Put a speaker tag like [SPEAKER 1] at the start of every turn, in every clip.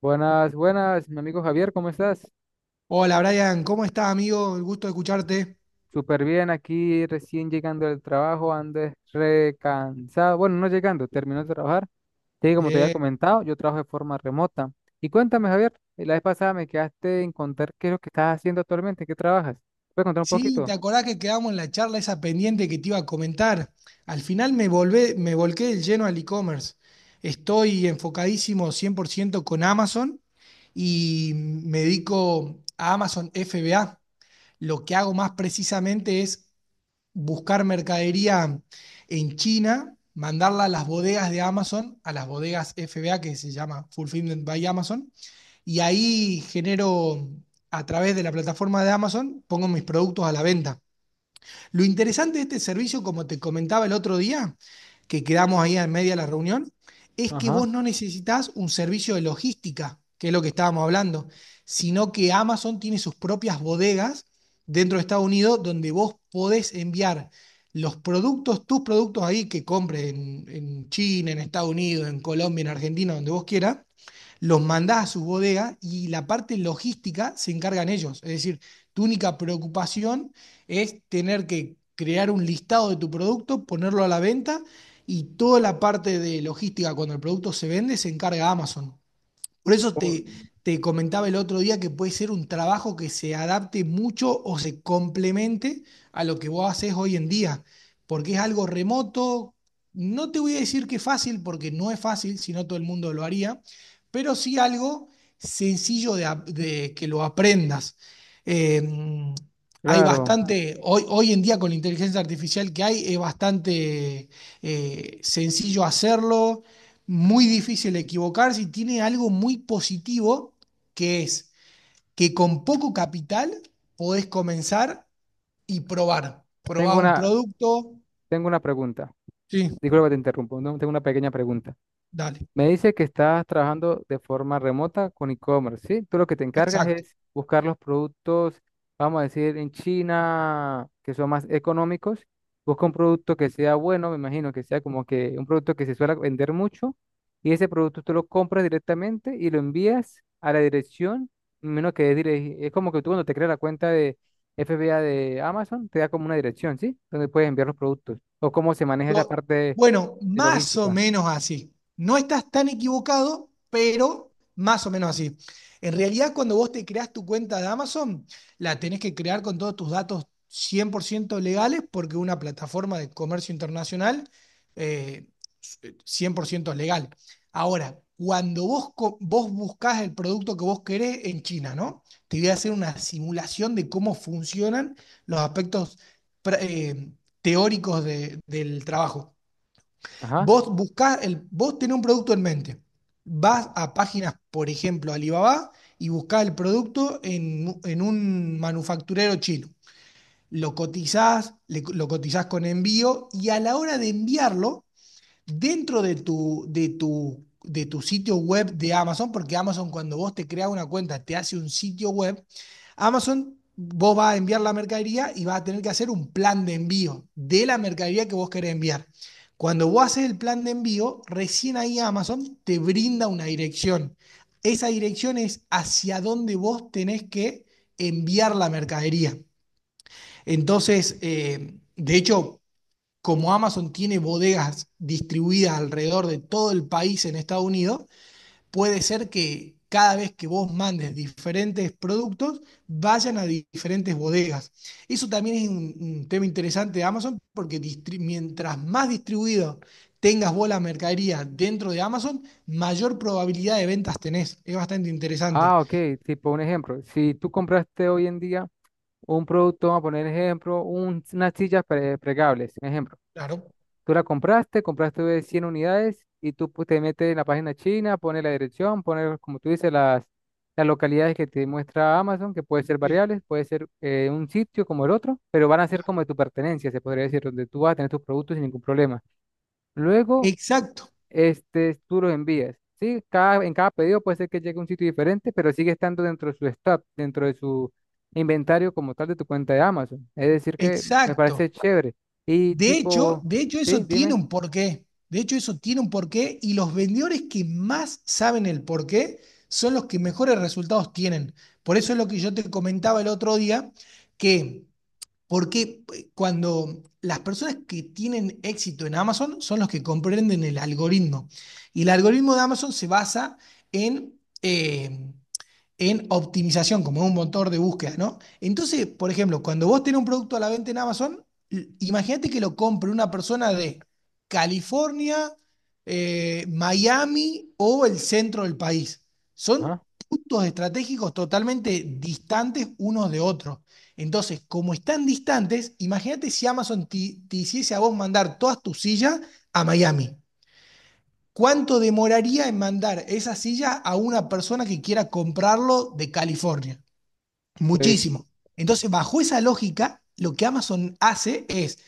[SPEAKER 1] Buenas, buenas, mi amigo Javier, ¿cómo estás?
[SPEAKER 2] Hola Brian, ¿cómo estás amigo? El gusto de escucharte.
[SPEAKER 1] Súper bien, aquí recién llegando del trabajo, ando es recansado. Bueno, no llegando, terminó de trabajar. Sí, como te había
[SPEAKER 2] Bien.
[SPEAKER 1] comentado, yo trabajo de forma remota. Y cuéntame, Javier, la vez pasada me quedaste en contar qué es lo que estás haciendo actualmente, qué trabajas. ¿Puedes contar un
[SPEAKER 2] Sí, ¿te
[SPEAKER 1] poquito?
[SPEAKER 2] acordás que quedamos en la charla esa pendiente que te iba a comentar? Al final me volqué del lleno al e-commerce. Estoy enfocadísimo 100% con Amazon y me dedico a Amazon FBA. Lo que hago más precisamente es buscar mercadería en China, mandarla a las bodegas de Amazon, a las bodegas FBA que se llama Fulfillment by Amazon y ahí genero, a través de la plataforma de Amazon, pongo mis productos a la venta. Lo interesante de este servicio, como te comentaba el otro día, que quedamos ahí en media de la reunión, es que
[SPEAKER 1] Ajá.
[SPEAKER 2] vos no necesitas un servicio de logística, que es lo que estábamos hablando, sino que Amazon tiene sus propias bodegas dentro de Estados Unidos donde vos podés enviar los productos, tus productos ahí que compres en China, en Estados Unidos, en Colombia, en Argentina, donde vos quieras, los mandás a sus bodegas y la parte logística se encargan ellos. Es decir, tu única preocupación es tener que crear un listado de tu producto, ponerlo a la venta y toda la parte de logística cuando el producto se vende se encarga Amazon. Por eso
[SPEAKER 1] Oh,
[SPEAKER 2] te, te comentaba el otro día que puede ser un trabajo que se adapte mucho o se complemente a lo que vos haces hoy en día, porque es algo remoto. No te voy a decir que es fácil, porque no es fácil, si no todo el mundo lo haría, pero sí algo sencillo de que lo aprendas. Eh, Hay
[SPEAKER 1] claro,
[SPEAKER 2] bastante, hoy en día con la inteligencia artificial que hay, es bastante sencillo hacerlo, muy difícil equivocarse y tiene algo muy positivo que es que con poco capital podés comenzar y probar.
[SPEAKER 1] tengo
[SPEAKER 2] Probás un
[SPEAKER 1] una,
[SPEAKER 2] producto.
[SPEAKER 1] tengo una pregunta.
[SPEAKER 2] Sí,
[SPEAKER 1] Disculpa que te interrumpo, no, tengo una pequeña pregunta.
[SPEAKER 2] dale.
[SPEAKER 1] Me dice que estás trabajando de forma remota con e-commerce, ¿sí? Tú lo que te encargas
[SPEAKER 2] Exacto.
[SPEAKER 1] es buscar los productos, vamos a decir, en China, que son más económicos. Busca un producto que sea bueno, me imagino que sea como que un producto que se suele vender mucho, y ese producto tú lo compras directamente y lo envías a la dirección, menos que es, es como que tú cuando te creas la cuenta de FBA de Amazon, te da como una dirección, ¿sí? Donde puedes enviar los productos, o cómo se maneja esa
[SPEAKER 2] To-
[SPEAKER 1] parte
[SPEAKER 2] Bueno,
[SPEAKER 1] de
[SPEAKER 2] más o
[SPEAKER 1] logística.
[SPEAKER 2] menos así. No estás tan equivocado, pero más o menos así. En realidad, cuando vos te creás tu cuenta de Amazon, la tenés que crear con todos tus datos 100% legales, porque una plataforma de comercio internacional, eh, 100% legal. Ahora, cuando vos buscás el producto que vos querés en China, ¿no? Te voy a hacer una simulación de cómo funcionan los aspectos teóricos del trabajo.
[SPEAKER 1] Ajá.
[SPEAKER 2] Vos buscás, el, vos tenés un producto en mente. Vas a páginas, por ejemplo, Alibaba, y buscás el producto en, en un manufacturero chino. Lo cotizás, lo cotizás con envío y a la hora de enviarlo, dentro de tu sitio web de Amazon, porque Amazon cuando vos te creas una cuenta te hace un sitio web, Amazon vos vas a enviar la mercadería y vas a tener que hacer un plan de envío de la mercadería que vos querés enviar. Cuando vos haces el plan de envío, recién ahí Amazon te brinda una dirección. Esa dirección es hacia dónde vos tenés que enviar la mercadería. Entonces, de hecho, como Amazon tiene bodegas distribuidas alrededor de todo el país en Estados Unidos, puede ser que cada vez que vos mandes diferentes productos, vayan a diferentes bodegas. Eso también es un tema interesante de Amazon, porque mientras más distribuido tengas vos la mercadería dentro de Amazon, mayor probabilidad de ventas tenés. Es bastante interesante.
[SPEAKER 1] Ah, ok, tipo un ejemplo. Si tú compraste hoy en día un producto, vamos a poner ejemplo, unas sillas plegables, un ejemplo.
[SPEAKER 2] Claro,
[SPEAKER 1] Tú la compraste, compraste 100 unidades y tú pues, te metes en la página china, pones la dirección, pones, como tú dices, las localidades que te muestra Amazon, que puede ser
[SPEAKER 2] sí.
[SPEAKER 1] variables, puede ser un sitio como el otro, pero van a ser como de tu pertenencia, se podría decir, donde tú vas a tener tus productos sin ningún problema. Luego
[SPEAKER 2] Exacto,
[SPEAKER 1] tú los envías. Sí, cada, en cada pedido puede ser que llegue a un sitio diferente, pero sigue estando dentro de su stock, dentro de su inventario como tal de tu cuenta de Amazon. Es decir, que me parece
[SPEAKER 2] exacto.
[SPEAKER 1] chévere. Y
[SPEAKER 2] De hecho,
[SPEAKER 1] tipo,
[SPEAKER 2] de hecho
[SPEAKER 1] sí,
[SPEAKER 2] eso tiene
[SPEAKER 1] dime.
[SPEAKER 2] un porqué. De hecho eso tiene un porqué y los vendedores que más saben el porqué son los que mejores resultados tienen. Por eso es lo que yo te comentaba el otro día, que porque cuando las personas que tienen éxito en Amazon son los que comprenden el algoritmo. Y el algoritmo de Amazon se basa en... eh, en optimización, como en un motor de búsqueda, ¿no? Entonces, por ejemplo, cuando vos tenés un producto a la venta en Amazon, imagínate que lo compre una persona de California, Miami o el centro del país. Son
[SPEAKER 1] Ajá.
[SPEAKER 2] puntos estratégicos totalmente distantes unos de otros. Entonces, como están distantes, imagínate si Amazon te, te hiciese a vos mandar todas tus sillas a Miami. ¿Cuánto demoraría en mandar esa silla a una persona que quiera comprarlo de California?
[SPEAKER 1] Pues,
[SPEAKER 2] Muchísimo. Entonces, bajo esa lógica, lo que Amazon hace es,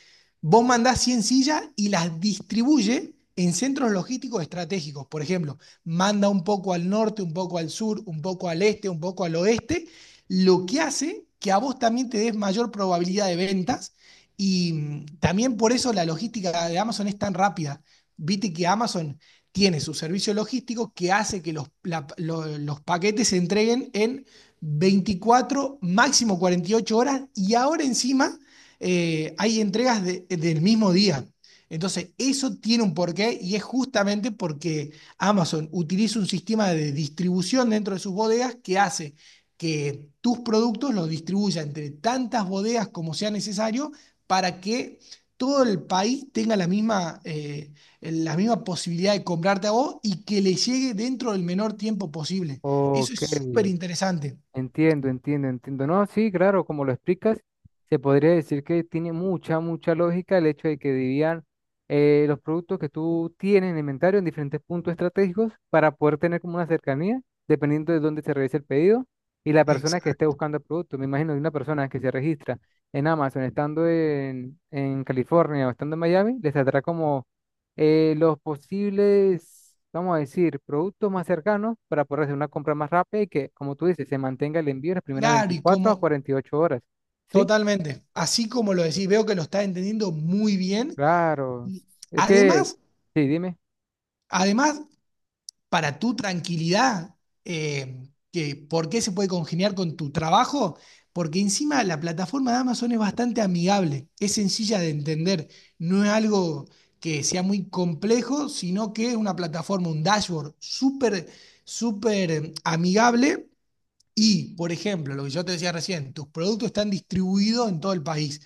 [SPEAKER 2] vos mandás 100 sillas y las distribuye en centros logísticos estratégicos. Por ejemplo, manda un poco al norte, un poco al sur, un poco al este, un poco al oeste, lo que hace que a vos también te des mayor probabilidad de ventas y también por eso la logística de Amazon es tan rápida. Viste que Amazon tiene su servicio logístico que hace que los paquetes se entreguen en 24, máximo 48 horas y ahora encima hay entregas del mismo día. Entonces, eso tiene un porqué y es justamente porque Amazon utiliza un sistema de distribución dentro de sus bodegas que hace que tus productos los distribuya entre tantas bodegas como sea necesario para que todo el país tenga la misma posibilidad de comprarte a vos y que le llegue dentro del menor tiempo posible. Eso es
[SPEAKER 1] ok.
[SPEAKER 2] súper interesante.
[SPEAKER 1] Entiendo, entiendo, entiendo. No, sí, claro, como lo explicas, se podría decir que tiene mucha, mucha lógica el hecho de que dividan los productos que tú tienes en inventario en diferentes puntos estratégicos para poder tener como una cercanía, dependiendo de dónde se realice el pedido y la persona que esté
[SPEAKER 2] Exacto.
[SPEAKER 1] buscando el producto. Me imagino que una persona que se registra en Amazon estando en California o estando en Miami, les saldrá como los posibles, vamos a decir, productos más cercanos para poder hacer una compra más rápida y que, como tú dices, se mantenga el envío en las primeras
[SPEAKER 2] Claro, y
[SPEAKER 1] 24 a
[SPEAKER 2] como,
[SPEAKER 1] 48 horas. ¿Sí?
[SPEAKER 2] totalmente. Así como lo decís, veo que lo estás entendiendo muy bien.
[SPEAKER 1] Claro.
[SPEAKER 2] Y
[SPEAKER 1] Es que,
[SPEAKER 2] además,
[SPEAKER 1] sí, dime,
[SPEAKER 2] además, para tu tranquilidad, eh, que ¿por qué se puede congeniar con tu trabajo? Porque encima la plataforma de Amazon es bastante amigable, es sencilla de entender, no es algo que sea muy complejo, sino que es una plataforma, un dashboard súper, súper amigable. Y, por ejemplo, lo que yo te decía recién, tus productos están distribuidos en todo el país,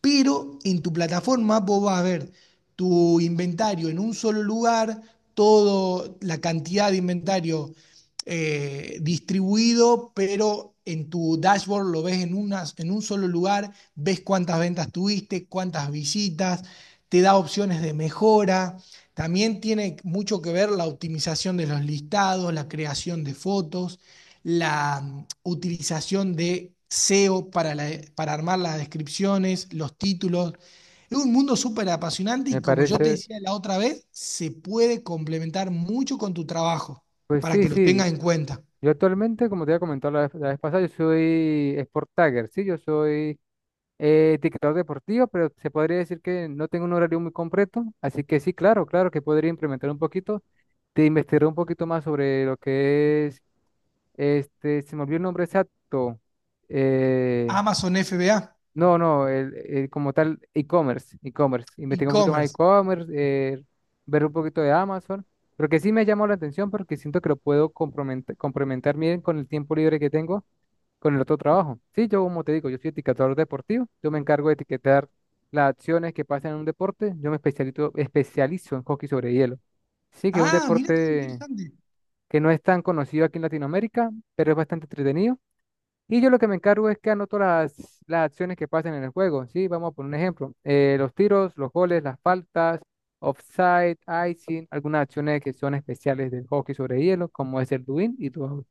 [SPEAKER 2] pero en tu plataforma vos vas a ver tu inventario en un solo lugar, toda la cantidad de inventario distribuido, pero en tu dashboard lo ves en un solo lugar, ves cuántas ventas tuviste, cuántas visitas, te da opciones de mejora. También tiene mucho que ver la optimización de los listados, la creación de fotos, la utilización de SEO para armar las descripciones, los títulos. Es un mundo súper apasionante
[SPEAKER 1] me
[SPEAKER 2] y como yo te
[SPEAKER 1] parece,
[SPEAKER 2] decía la otra vez, se puede complementar mucho con tu trabajo
[SPEAKER 1] pues
[SPEAKER 2] para
[SPEAKER 1] sí,
[SPEAKER 2] que lo
[SPEAKER 1] sí.
[SPEAKER 2] tengas en cuenta.
[SPEAKER 1] Yo actualmente, como te había comentado la vez pasada, yo soy Sport Tagger, sí, yo soy etiquetador deportivo, pero se podría decir que no tengo un horario muy completo, así que sí, claro, claro que podría implementar un poquito te investigar un poquito más sobre lo que es. Se me olvidó el nombre exacto. Eh,
[SPEAKER 2] Amazon FBA,
[SPEAKER 1] no, no, el como tal, e-commerce, e-commerce. Investigar un poquito más de
[SPEAKER 2] e-commerce.
[SPEAKER 1] e-commerce, ver un poquito de Amazon. Pero que sí me llamó la atención porque siento que lo puedo complementar bien con el tiempo libre que tengo con el otro trabajo. Sí, yo como te digo, yo soy etiquetador deportivo, yo me encargo de etiquetar las acciones que pasan en un deporte, yo me especializo en hockey sobre hielo. Sí, que es un
[SPEAKER 2] Ah, mira qué
[SPEAKER 1] deporte
[SPEAKER 2] interesante.
[SPEAKER 1] que no es tan conocido aquí en Latinoamérica, pero es bastante entretenido y yo lo que me encargo es que anoto las acciones que pasan en el juego. Sí, vamos a poner un ejemplo. Los tiros, los goles, las faltas, offside, icing, algunas acciones que son especiales del hockey sobre hielo, como es el doing y todo.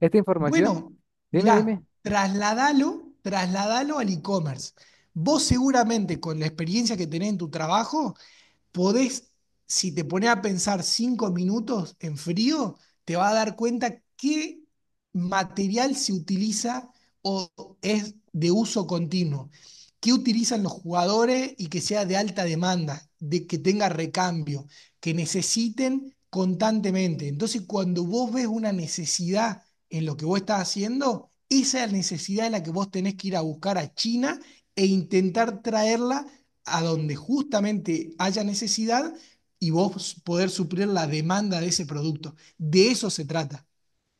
[SPEAKER 1] Esta información,
[SPEAKER 2] Bueno,
[SPEAKER 1] dime,
[SPEAKER 2] mirá,
[SPEAKER 1] dime.
[SPEAKER 2] trasladalo, trasladalo al e-commerce. Vos seguramente con la experiencia que tenés en tu trabajo, podés, si te pones a pensar 5 minutos en frío, te vas a dar cuenta qué material se utiliza o es de uso continuo, qué utilizan los jugadores y que sea de alta demanda, de que tenga recambio, que necesiten constantemente. Entonces, cuando vos ves una necesidad en lo que vos estás haciendo, esa es la necesidad de la que vos tenés que ir a buscar a China e intentar traerla a donde justamente haya necesidad y vos poder suplir la demanda de ese producto. De eso se trata.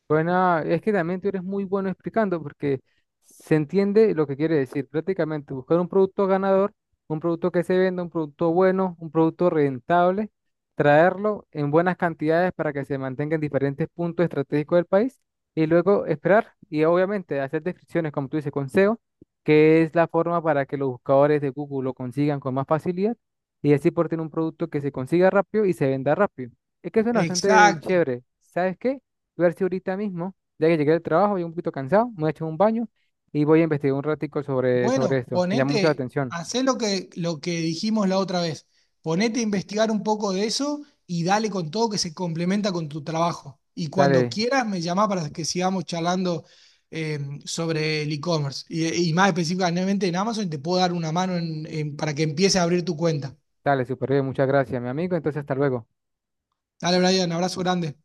[SPEAKER 1] Bueno, es que también tú eres muy bueno explicando porque se entiende lo que quiere decir. Prácticamente buscar un producto ganador, un producto que se venda, un producto bueno, un producto rentable, traerlo en buenas cantidades para que se mantenga en diferentes puntos estratégicos del país y luego esperar y obviamente hacer descripciones, como tú dices, con SEO, que es la forma para que los buscadores de Google lo consigan con más facilidad y así por tener un producto que se consiga rápido y se venda rápido. Es que suena bastante
[SPEAKER 2] Exacto.
[SPEAKER 1] chévere. ¿Sabes qué? Voy a ver si ahorita mismo, ya que llegué del trabajo, voy un poquito cansado, me voy a echar un baño y voy a investigar un ratico sobre
[SPEAKER 2] Bueno,
[SPEAKER 1] esto. Me llama mucho la
[SPEAKER 2] ponete,
[SPEAKER 1] atención.
[SPEAKER 2] hacé lo que dijimos la otra vez. Ponete a investigar un poco de eso y dale con todo que se complementa con tu trabajo. Y cuando
[SPEAKER 1] Dale,
[SPEAKER 2] quieras, me llamás para que sigamos charlando, eh, sobre el e-commerce. Y más específicamente en Amazon, te puedo dar una mano para que empieces a abrir tu cuenta.
[SPEAKER 1] dale, súper bien, muchas gracias, mi amigo. Entonces, hasta luego.
[SPEAKER 2] Dale, Brian, abrazo grande.